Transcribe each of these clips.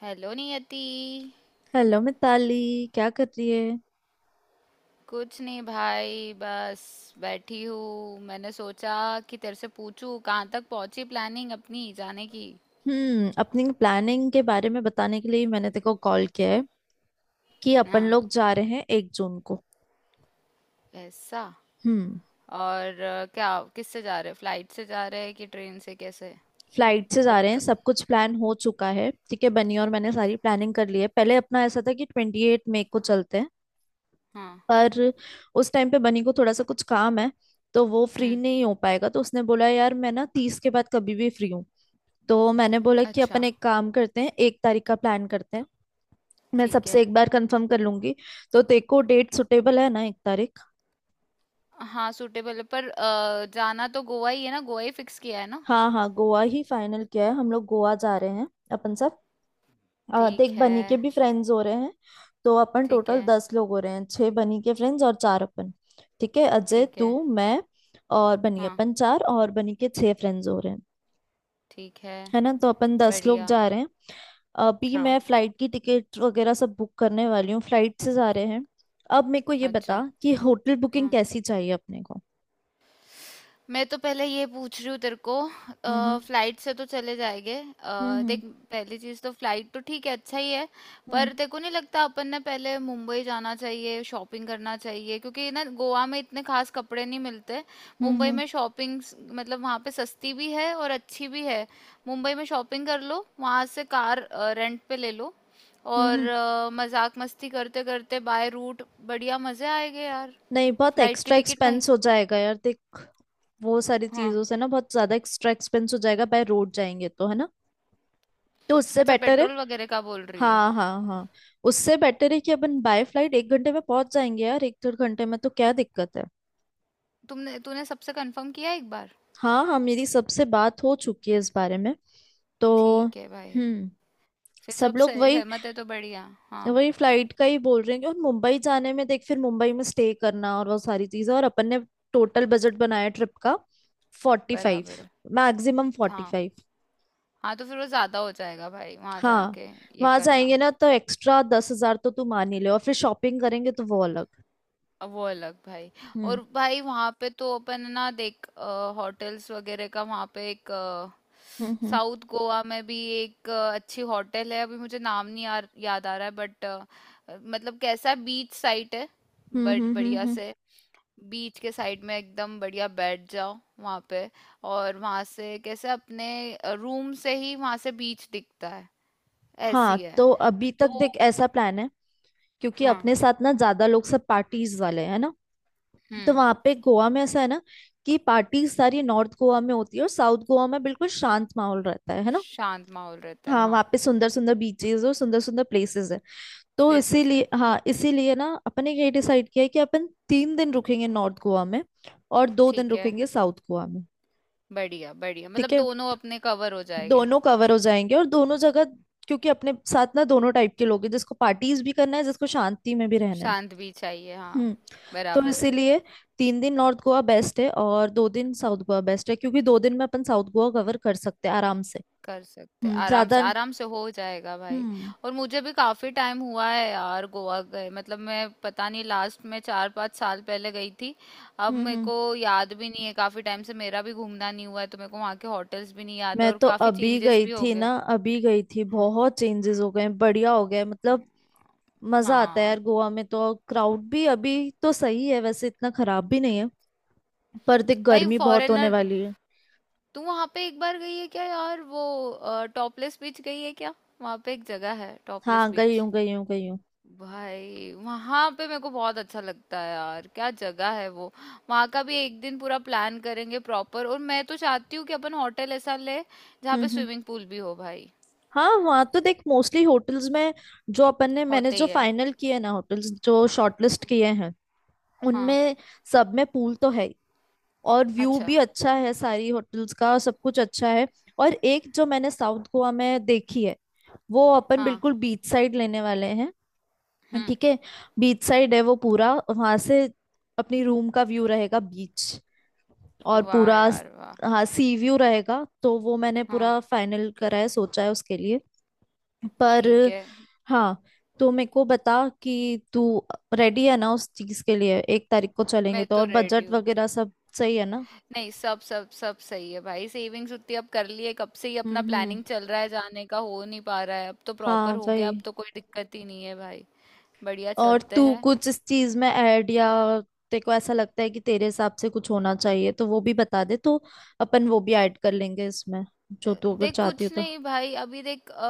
Hello Niyati. Hello Mitali. क्या कर रही है? कुछ नहीं भाई, बस बैठी हूँ। मैंने सोचा कि तेरे से पूछूं कहाँ तक पहुंची प्लानिंग अपनी जाने की। अपनी प्लानिंग के बारे में बताने के लिए ही मैंने तेको कॉल किया है कि अपन हाँ, लोग जा रहे हैं 1 जून को। ऐसा? हम्म और क्या, किससे जा रहे, फ्लाइट से जा रहे कि ट्रेन से, कैसे? फ्लाइट से और जा रहे हैं, क, सब कुछ प्लान हो चुका है। ठीक है, बनी और मैंने सारी प्लानिंग कर ली है। पहले अपना ऐसा था कि 28 मई को चलते हैं, हाँ। पर उस टाइम पे बनी को थोड़ा सा कुछ काम है, तो वो फ्री हम्म। नहीं हो पाएगा। तो उसने बोला, यार मैं ना 30 के बाद कभी भी फ्री हूँ। तो मैंने बोला कि अपन अच्छा। एक काम करते हैं, 1 तारीख का प्लान करते हैं। मैं ठीक सबसे है। एक बार कंफर्म कर लूंगी। तो तेरे को डेट सुटेबल है ना, 1 तारीख? हाँ, सूटेबल है, पर जाना तो गोवा ही है ना? गोवा ही फिक्स किया है ना? हाँ हाँ, गोवा ही फाइनल किया है, हम लोग गोवा जा रहे हैं अपन सब। ठीक देख है। बनी के भी फ्रेंड्स हो रहे हैं, तो अपन ठीक टोटल है। 10 लोग हो रहे हैं, छह बनी के फ्रेंड्स और चार अपन। ठीक है, अजय ठीक है। तू, मैं और बनी, अपन हाँ। चार और बनी के छह फ्रेंड्स हो रहे हैं, ठीक है। है ना? तो अपन 10 लोग बढ़िया। जा रहे हैं। अभी हाँ। मैं फ्लाइट की टिकट वगैरह सब बुक करने वाली हूँ, फ्लाइट से जा रहे हैं। अब मेरे को ये बता अच्छा। कि होटल बुकिंग हाँ, कैसी चाहिए अपने को। मैं तो पहले ये पूछ रही हूँ तेरे को। हम्म। फ्लाइट से तो चले जाएंगे, हम्म। देख, हम्म। पहली चीज तो फ्लाइट तो ठीक है, अच्छा ही है। हम्म। पर तेरे को नहीं लगता अपन ने पहले मुंबई जाना चाहिए, शॉपिंग करना चाहिए, क्योंकि ना गोवा में इतने खास कपड़े नहीं मिलते। हम्म। मुंबई हम्म। में शॉपिंग मतलब वहाँ पे सस्ती भी है और अच्छी भी है। मुंबई में शॉपिंग कर लो, वहाँ से कार रेंट पे ले लो। हम्म। और हम्म। मजाक मस्ती करते करते बाय रूट, बढ़िया मजे आएंगे यार। नहीं, बहुत फ्लाइट की एक्स्ट्रा टिकट में। एक्सपेंस हो जाएगा यार, देख वो सारी हाँ। चीजों से ना बहुत ज्यादा एक्स्ट्रा एक्सपेंस हो जाएगा बाय रोड जाएंगे तो, है ना? तो उससे अच्छा, बेटर है। पेट्रोल वगैरह का बोल रही है। हाँ हाँ हाँ। उससे बेटर है कि अपन बाय फ्लाइट 1 घंटे में पहुंच जाएंगे यार, एक डेढ़ घंटे में, तो क्या दिक्कत है? तुमने तूने सबसे कंफर्म किया एक बार? हाँ हाँ, मेरी सबसे बात हो चुकी है इस बारे में, तो। ठीक है भाई। हम्म फिर सब सब लोग सह, वही, सहमत है तो बढ़िया। हाँ। वही फ्लाइट का ही बोल रहे हैं कि। और मुंबई जाने में देख, फिर मुंबई में स्टे करना और वो सारी चीजें, और अपन ने टोटल बजट बनाया ट्रिप का 45, बराबर है। मैक्सिमम फोर्टी हाँ। फाइव हाँ तो फिर वो ज्यादा हो जाएगा भाई वहां हाँ, जाके, ये वहां करना। जाएंगे ना तो एक्स्ट्रा 10,000 तो तू मान ही ले, और फिर शॉपिंग करेंगे तो वो अलग। अब वो अलग भाई। हम्म। और भाई वहां पे तो अपन है ना, देख, होटल्स वगैरह का वहां पे एक हम्म। हम्म। साउथ गोवा में भी एक अच्छी होटल है, अभी मुझे नाम नहीं यार याद आ रहा है, बट मतलब कैसा बीच साइट है। हम्म। बट हम्म। हम्म। बढ़िया हम्म। से बीच के साइड में एकदम बढ़िया बैठ जाओ वहां पे, और वहां से कैसे अपने रूम से ही वहां से बीच दिखता है। हाँ ऐसी है तो अभी तो। तक देख ऐसा प्लान है, क्योंकि हाँ। अपने साथ ना ज्यादा लोग सब पार्टीज वाले हैं ना। तो हम्म। वहां पे गोवा में ऐसा है ना कि पार्टीज सारी नॉर्थ गोवा में होती है और साउथ गोवा में बिल्कुल शांत माहौल रहता है ना। शांत माहौल रहता है, हाँ हाँ। वहाँ पे सुंदर सुंदर बीचेस और सुंदर सुंदर प्लेसेस है। तो प्लेसेस है। इसीलिए, हाँ इसीलिए ना अपने ये डिसाइड किया है कि अपन 3 दिन रुकेंगे नॉर्थ गोवा में और 2 दिन ठीक है। रुकेंगे साउथ गोवा में। बढ़िया बढ़िया, ठीक मतलब है, दोनों अपने कवर हो जाएंगे। दोनों कवर हो जाएंगे और दोनों जगह, क्योंकि अपने साथ ना दोनों टाइप के लोग हैं, जिसको पार्टीज भी करना है, जिसको शांति में भी रहना है। शांत भी चाहिए, हाँ। हम्म तो बराबर है। इसीलिए, 3 दिन नॉर्थ गोवा बेस्ट है और 2 दिन साउथ गोवा बेस्ट है, क्योंकि दो दिन में अपन साउथ गोवा कवर कर सकते हैं आराम से। कर सकते हैं, आराम से, ज्यादा। आराम से हो जाएगा भाई। हम्म। और मुझे भी काफी टाइम हुआ है यार गोवा गए, मतलब मैं पता नहीं लास्ट में चार पाँच साल पहले गई थी। अब हम्म। मेरे हम्म। को याद भी नहीं है, काफी टाइम से मेरा भी घूमना नहीं हुआ है, तो मेरे को वहाँ के होटल्स भी नहीं याद है, मैं और तो काफी अभी चेंजेस गई भी हो थी ना, गए। अभी गई थी, बहुत चेंजेस हो गए हैं, बढ़िया हो गए हैं, मतलब मजा आता है हाँ यार गोवा में तो। क्राउड भी अभी तो सही है, वैसे इतना खराब भी नहीं है। पर देख भाई, गर्मी बहुत होने फॉरेनर। वाली है। तू वहाँ पे एक बार गई है क्या यार, वो टॉपलेस बीच गई है क्या? वहाँ पे एक जगह है टॉपलेस हाँ गई बीच। हूँ, गई हूँ, गई हूँ। भाई वहां पे मेरे को बहुत अच्छा लगता है यार, क्या जगह है वो। वहां का भी एक दिन पूरा प्लान करेंगे प्रॉपर, और मैं तो चाहती हूँ कि अपन होटल ऐसा ले जहाँ हम्म। पे हम्म। स्विमिंग पूल भी हो भाई। हाँ वहाँ तो देख मोस्टली होटल्स में, जो अपन ने, मैंने होते जो ही है। फाइनल किए ना होटल्स, जो शॉर्टलिस्ट किए हैं हाँ। उनमें सब में पूल तो है, और व्यू अच्छा। भी अच्छा है सारी होटल्स का, और सब कुछ अच्छा है। और एक जो मैंने साउथ गोवा में देखी है, वो अपन हाँ। बिल्कुल बीच साइड लेने वाले हैं। हम्म। ठीक है, बीच साइड है वो पूरा, वहां से अपनी रूम का व्यू रहेगा बीच, और वाह पूरा। यार वाह। हाँ सी व्यू रहेगा, तो वो मैंने हाँ। पूरा फाइनल करा है, सोचा है उसके लिए। पर ठीक है। हाँ, तो मेरे को बता कि तू रेडी है ना उस चीज के लिए, 1 तारीख को चलेंगे मैं तो, तो और रेडी बजट हूँ। वगैरह सब सही है ना? नहीं, सब सब सब सही है भाई। सेविंग्स उतनी अब कर लिए, कब से ही हम्म। अपना हम्म। प्लानिंग चल रहा है, जाने का हो नहीं पा रहा है, अब तो हाँ प्रॉपर हो गया, वही। अब तो कोई दिक्कत ही नहीं है भाई। बढ़िया, और चलते तू हैं। कुछ इस चीज में ऐड, या तेरे को ऐसा लगता है कि तेरे हिसाब से कुछ होना चाहिए, तो वो भी बता दे तो अपन वो भी ऐड कर लेंगे इसमें, जो तू अगर देख चाहती हो कुछ तो। नहीं भाई, अभी देख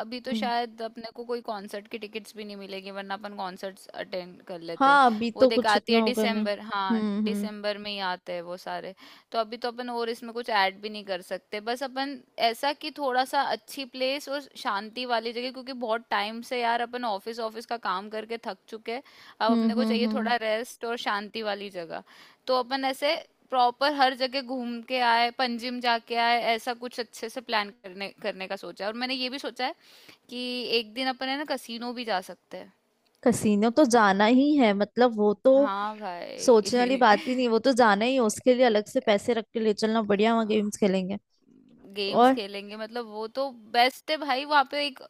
अभी तो हम्म। शायद अपने को कोई कॉन्सर्ट की टिकट्स भी नहीं मिलेगी, वरना अपन कॉन्सर्ट्स अटेंड कर लेते हैं। हाँ अभी वो तो देख कुछ आती इतना है होगा नहीं। दिसंबर, हाँ हम्म। हम्म। दिसंबर में ही आते हैं वो सारे। तो अभी तो अपन और इसमें कुछ ऐड भी नहीं कर सकते, बस अपन ऐसा कि थोड़ा सा अच्छी प्लेस और शांति वाली जगह, क्योंकि बहुत टाइम से यार अपन ऑफिस ऑफिस का काम करके थक चुके हैं। अब हम्म। अपने को हम्म। चाहिए हम्म। थोड़ा रेस्ट और शांति वाली जगह। तो अपन ऐसे प्रॉपर हर जगह घूम के आए, पंजिम जाके आए, ऐसा कुछ अच्छे से प्लान करने करने का सोचा है। और मैंने ये भी सोचा है कि एक दिन अपन है ना कसीनो भी जा सकते हैं। कसीनो तो जाना ही है, मतलब वो तो हाँ सोचने वाली भाई बात ही नहीं, वो तो जाना ही है। उसके लिए अलग से पैसे रख के ले चलना, बढ़िया वहाँ गेम्स खेलेंगे। गेम्स और। खेलेंगे, मतलब वो तो बेस्ट है भाई। वहाँ पे एक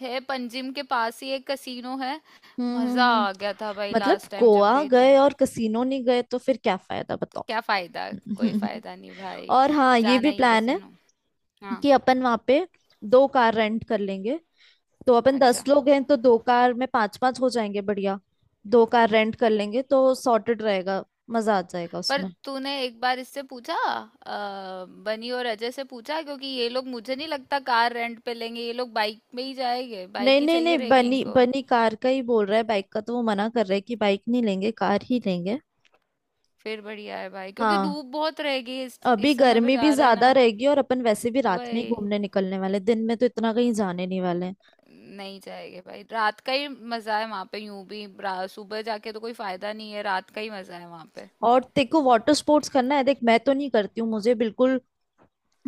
है, पंजिम के पास ही एक कसीनो है। हम्म। मजा हम्म। हम्म। आ गया था भाई मतलब लास्ट टाइम जब गोवा गई थी। गए और कसीनो नहीं गए तो फिर क्या फायदा तो बताओ? क्या फायदा। कोई फायदा नहीं भाई। और हाँ ये जाना भी ही है प्लान है कसीनो। हाँ। कि अपन वहां पे 2 कार रेंट कर लेंगे, तो अपन दस अच्छा। लोग हैं तो 2 कार में पांच पांच हो जाएंगे, बढ़िया। 2 कार रेंट कर लेंगे तो सॉर्टेड रहेगा, मजा आ जाएगा पर उसमें। तूने एक बार इससे पूछा बनी और अजय से पूछा? क्योंकि ये लोग मुझे नहीं लगता कार रेंट पे लेंगे, ये लोग बाइक में ही जाएंगे, नहीं बाइक ही नहीं चाहिए नहीं, रहेगी बनी, इनको। बनी कार का ही बोल रहा है, बाइक का तो वो मना कर रहा है कि बाइक नहीं लेंगे, कार ही लेंगे। फिर बढ़िया है भाई, क्योंकि हाँ, धूप बहुत रहेगी, इस अभी इस समय पे गर्मी भी जा रहे हैं ज्यादा ना। रहेगी और अपन वैसे भी रात में ही वही। घूमने निकलने वाले हैं। दिन में तो इतना कहीं जाने नहीं वाले हैं। नहीं जाएंगे भाई, रात का ही मजा है वहां पे, यूं भी सुबह जाके तो कोई फायदा नहीं है, रात का ही मजा है वहां पे। और तेरे को वाटर स्पोर्ट्स करना है देख, मैं तो नहीं करती हूँ, मुझे बिल्कुल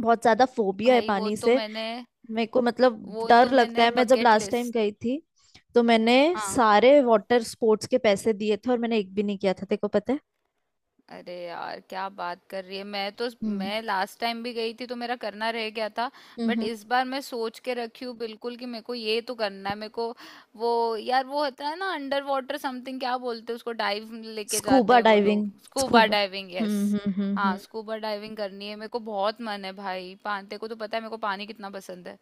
बहुत ज्यादा फोबिया है भाई वो पानी तो से, मैंने, मेरे को मतलब वो तो डर लगता मैंने है। मैं जब बकेट लास्ट टाइम लिस्ट। गई थी तो मैंने हाँ। सारे वाटर स्पोर्ट्स के पैसे दिए थे और मैंने एक भी नहीं किया था, तेरे को पता है? अरे यार क्या बात कर रही है, मैं तो, हम्म। मैं लास्ट टाइम भी गई थी तो मेरा करना रह गया था। बट हम्म। इस बार मैं सोच के रखी हूँ बिल्कुल कि मेरे को ये तो करना है। मेरे को वो, यार वो होता है ना अंडर वाटर समथिंग, क्या बोलते हैं उसको, डाइव लेके जाते स्कूबा हैं वो लोग, diving, scuba scuba. Diving, yes. हम्म। हम्म। हम्म। हाँ, हम्म। स्कूबा डाइविंग करनी है मेरे को, बहुत मन है भाई, पानी को तो पता है मेरे को पानी कितना पसंद है।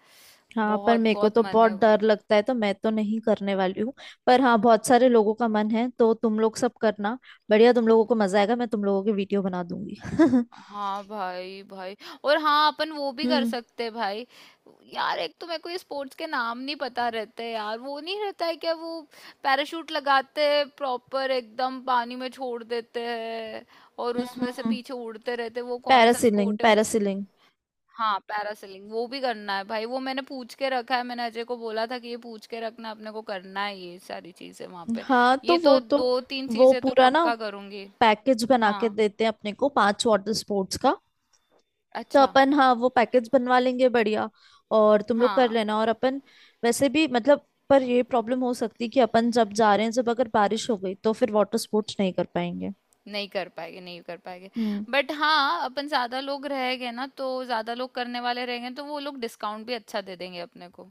हाँ पर बहुत मेरे को बहुत तो मन बहुत है। डर लगता है, तो मैं तो नहीं करने वाली हूँ। पर हाँ, बहुत सारे लोगों का मन है तो तुम लोग सब करना, बढ़िया, तुम लोगों को मजा आएगा, मैं तुम लोगों की वीडियो बना दूंगी। हम्म। हाँ भाई भाई। और हाँ, अपन वो भी कर सकते हैं भाई। यार एक तो मेरे को ये स्पोर्ट्स के नाम नहीं पता रहते यार, वो नहीं रहता है क्या वो, पैराशूट लगाते हैं प्रॉपर, एकदम पानी में छोड़ देते हैं और हम्म। उसमें से हम्म। पीछे उड़ते रहते हैं, वो कौन सा पैरासीलिंग, स्पोर्ट है मुझे? पैरासीलिंग। हाँ पैरासेलिंग, वो भी करना है भाई। वो मैंने पूछ के रखा है, मैंने अजय को बोला था कि ये पूछ के रखना, अपने को करना है ये सारी चीजें वहां पे। हाँ तो ये वो तो तो, दो तीन वो चीजें तो पूरा ना पक्का करूंगी। पैकेज बना के हाँ। देते हैं अपने को 5 वाटर स्पोर्ट्स का, तो अच्छा। अपन, हाँ वो पैकेज बनवा लेंगे बढ़िया, और तुम लोग कर हाँ। लेना, और अपन वैसे भी, मतलब। पर ये प्रॉब्लम हो सकती है कि अपन जब जा रहे हैं, जब अगर बारिश हो गई तो फिर वाटर स्पोर्ट्स नहीं कर पाएंगे। नहीं कर पाएंगे, नहीं कर पाएंगे। हम्म। बट हाँ, अपन ज्यादा लोग रहेंगे ना तो ज्यादा लोग करने वाले रहेंगे, तो वो लोग डिस्काउंट भी अच्छा दे देंगे अपने को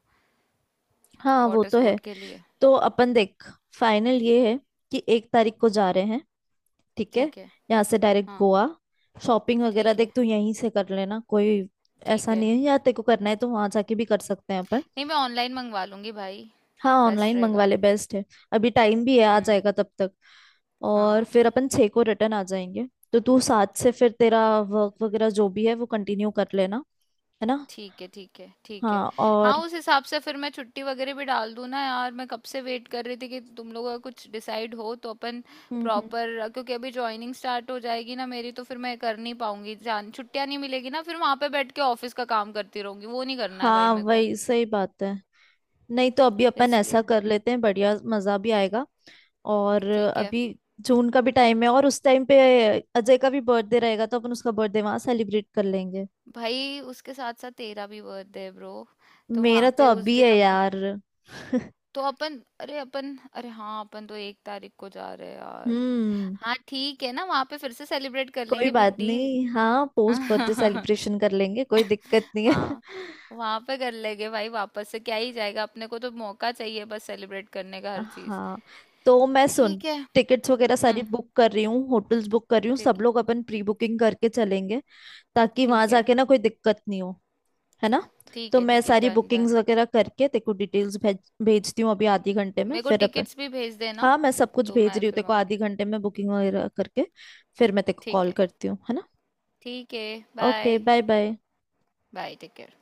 हाँ वो वाटर तो है। स्पोर्ट के लिए। तो अपन देख फाइनल ये है कि 1 तारीख को जा रहे हैं, ठीक है, ठीक है। यहाँ से डायरेक्ट हाँ। गोवा। शॉपिंग वगैरह ठीक है। देख तू यहीं से कर लेना, कोई ठीक ऐसा है। नहीं है, या तेरे को करना है तो वहां जाके भी कर सकते हैं अपन। नहीं, मैं ऑनलाइन मंगवा लूंगी भाई। हाँ बेस्ट ऑनलाइन मंगवा रहेगा। ले, बेस्ट है। अभी टाइम भी है, आ हम्म। जाएगा तब तक। और हाँ। फिर अपन 6 को रिटर्न आ जाएंगे, तो तू 7 से फिर तेरा वर्क वगैरह जो भी है वो कंटिन्यू कर लेना, है ना? ठीक है। ठीक है। ठीक है। हाँ हाँ और। उस हिसाब से फिर मैं छुट्टी वगैरह भी डाल दूँ ना यार, मैं कब से वेट कर रही थी कि तुम लोगों का कुछ डिसाइड हो तो अपन हम्म। हम्म। प्रॉपर, क्योंकि अभी जॉइनिंग स्टार्ट हो जाएगी ना मेरी, तो फिर मैं कर नहीं पाऊंगी जान, छुट्टियाँ नहीं मिलेगी ना, फिर वहाँ पे बैठ के ऑफिस का काम करती रहूंगी, वो नहीं करना है भाई हाँ मेरे को, वही सही बात है। नहीं तो अभी अपन ऐसा इसलिए। कर लेते हैं, बढ़िया मजा भी आएगा। और ठीक है। अभी जून का भी टाइम है, और उस टाइम पे अजय का भी बर्थडे रहेगा, तो अपन उसका बर्थडे वहां सेलिब्रेट कर लेंगे। भाई उसके साथ साथ तेरा भी बर्थडे है ब्रो, तो मेरा वहाँ तो पे उस अभी दिन है यार। तो अपन, अरे हाँ अपन तो एक तारीख को जा रहे हैं यार। हम्म। हाँ, ठीक है ना, वहाँ पे फिर से सेलिब्रेट कर कोई लेंगे, बात बिग डील। नहीं, हाँ पोस्ट बर्थडे सेलिब्रेशन कर लेंगे, कोई दिक्कत नहीं है। हाँ। वहां पे कर लेंगे भाई, वापस से क्या ही जाएगा, अपने को तो मौका चाहिए बस सेलिब्रेट करने का, हर चीज। हाँ तो मैं सुन, ठीक है। टिकट्स वगैरह सारी हम्म। बुक कर रही हूँ, होटल्स बुक कर रही हूँ, ठीक सब है। लोग अपन प्री बुकिंग करके चलेंगे, ताकि वहां ठीक है। जाके ना कोई दिक्कत नहीं हो, है ना? ठीक तो है। मैं ठीक है, सारी डन बुकिंग्स डन। वगैरह करके तेरे को डिटेल्स भेजती हूँ अभी आधे घंटे में, मेरे को फिर अपन। टिकट्स भी भेज देना। हाँ मैं सब कुछ तो भेज मैं रही हूँ फिर तेरे को आधे घंटे में, बुकिंग वगैरह करके फिर मैं तेरे को ठीक कॉल है। करती हूँ, है ना? ठीक है। Okay, bye. Bye bye. Bye, take care.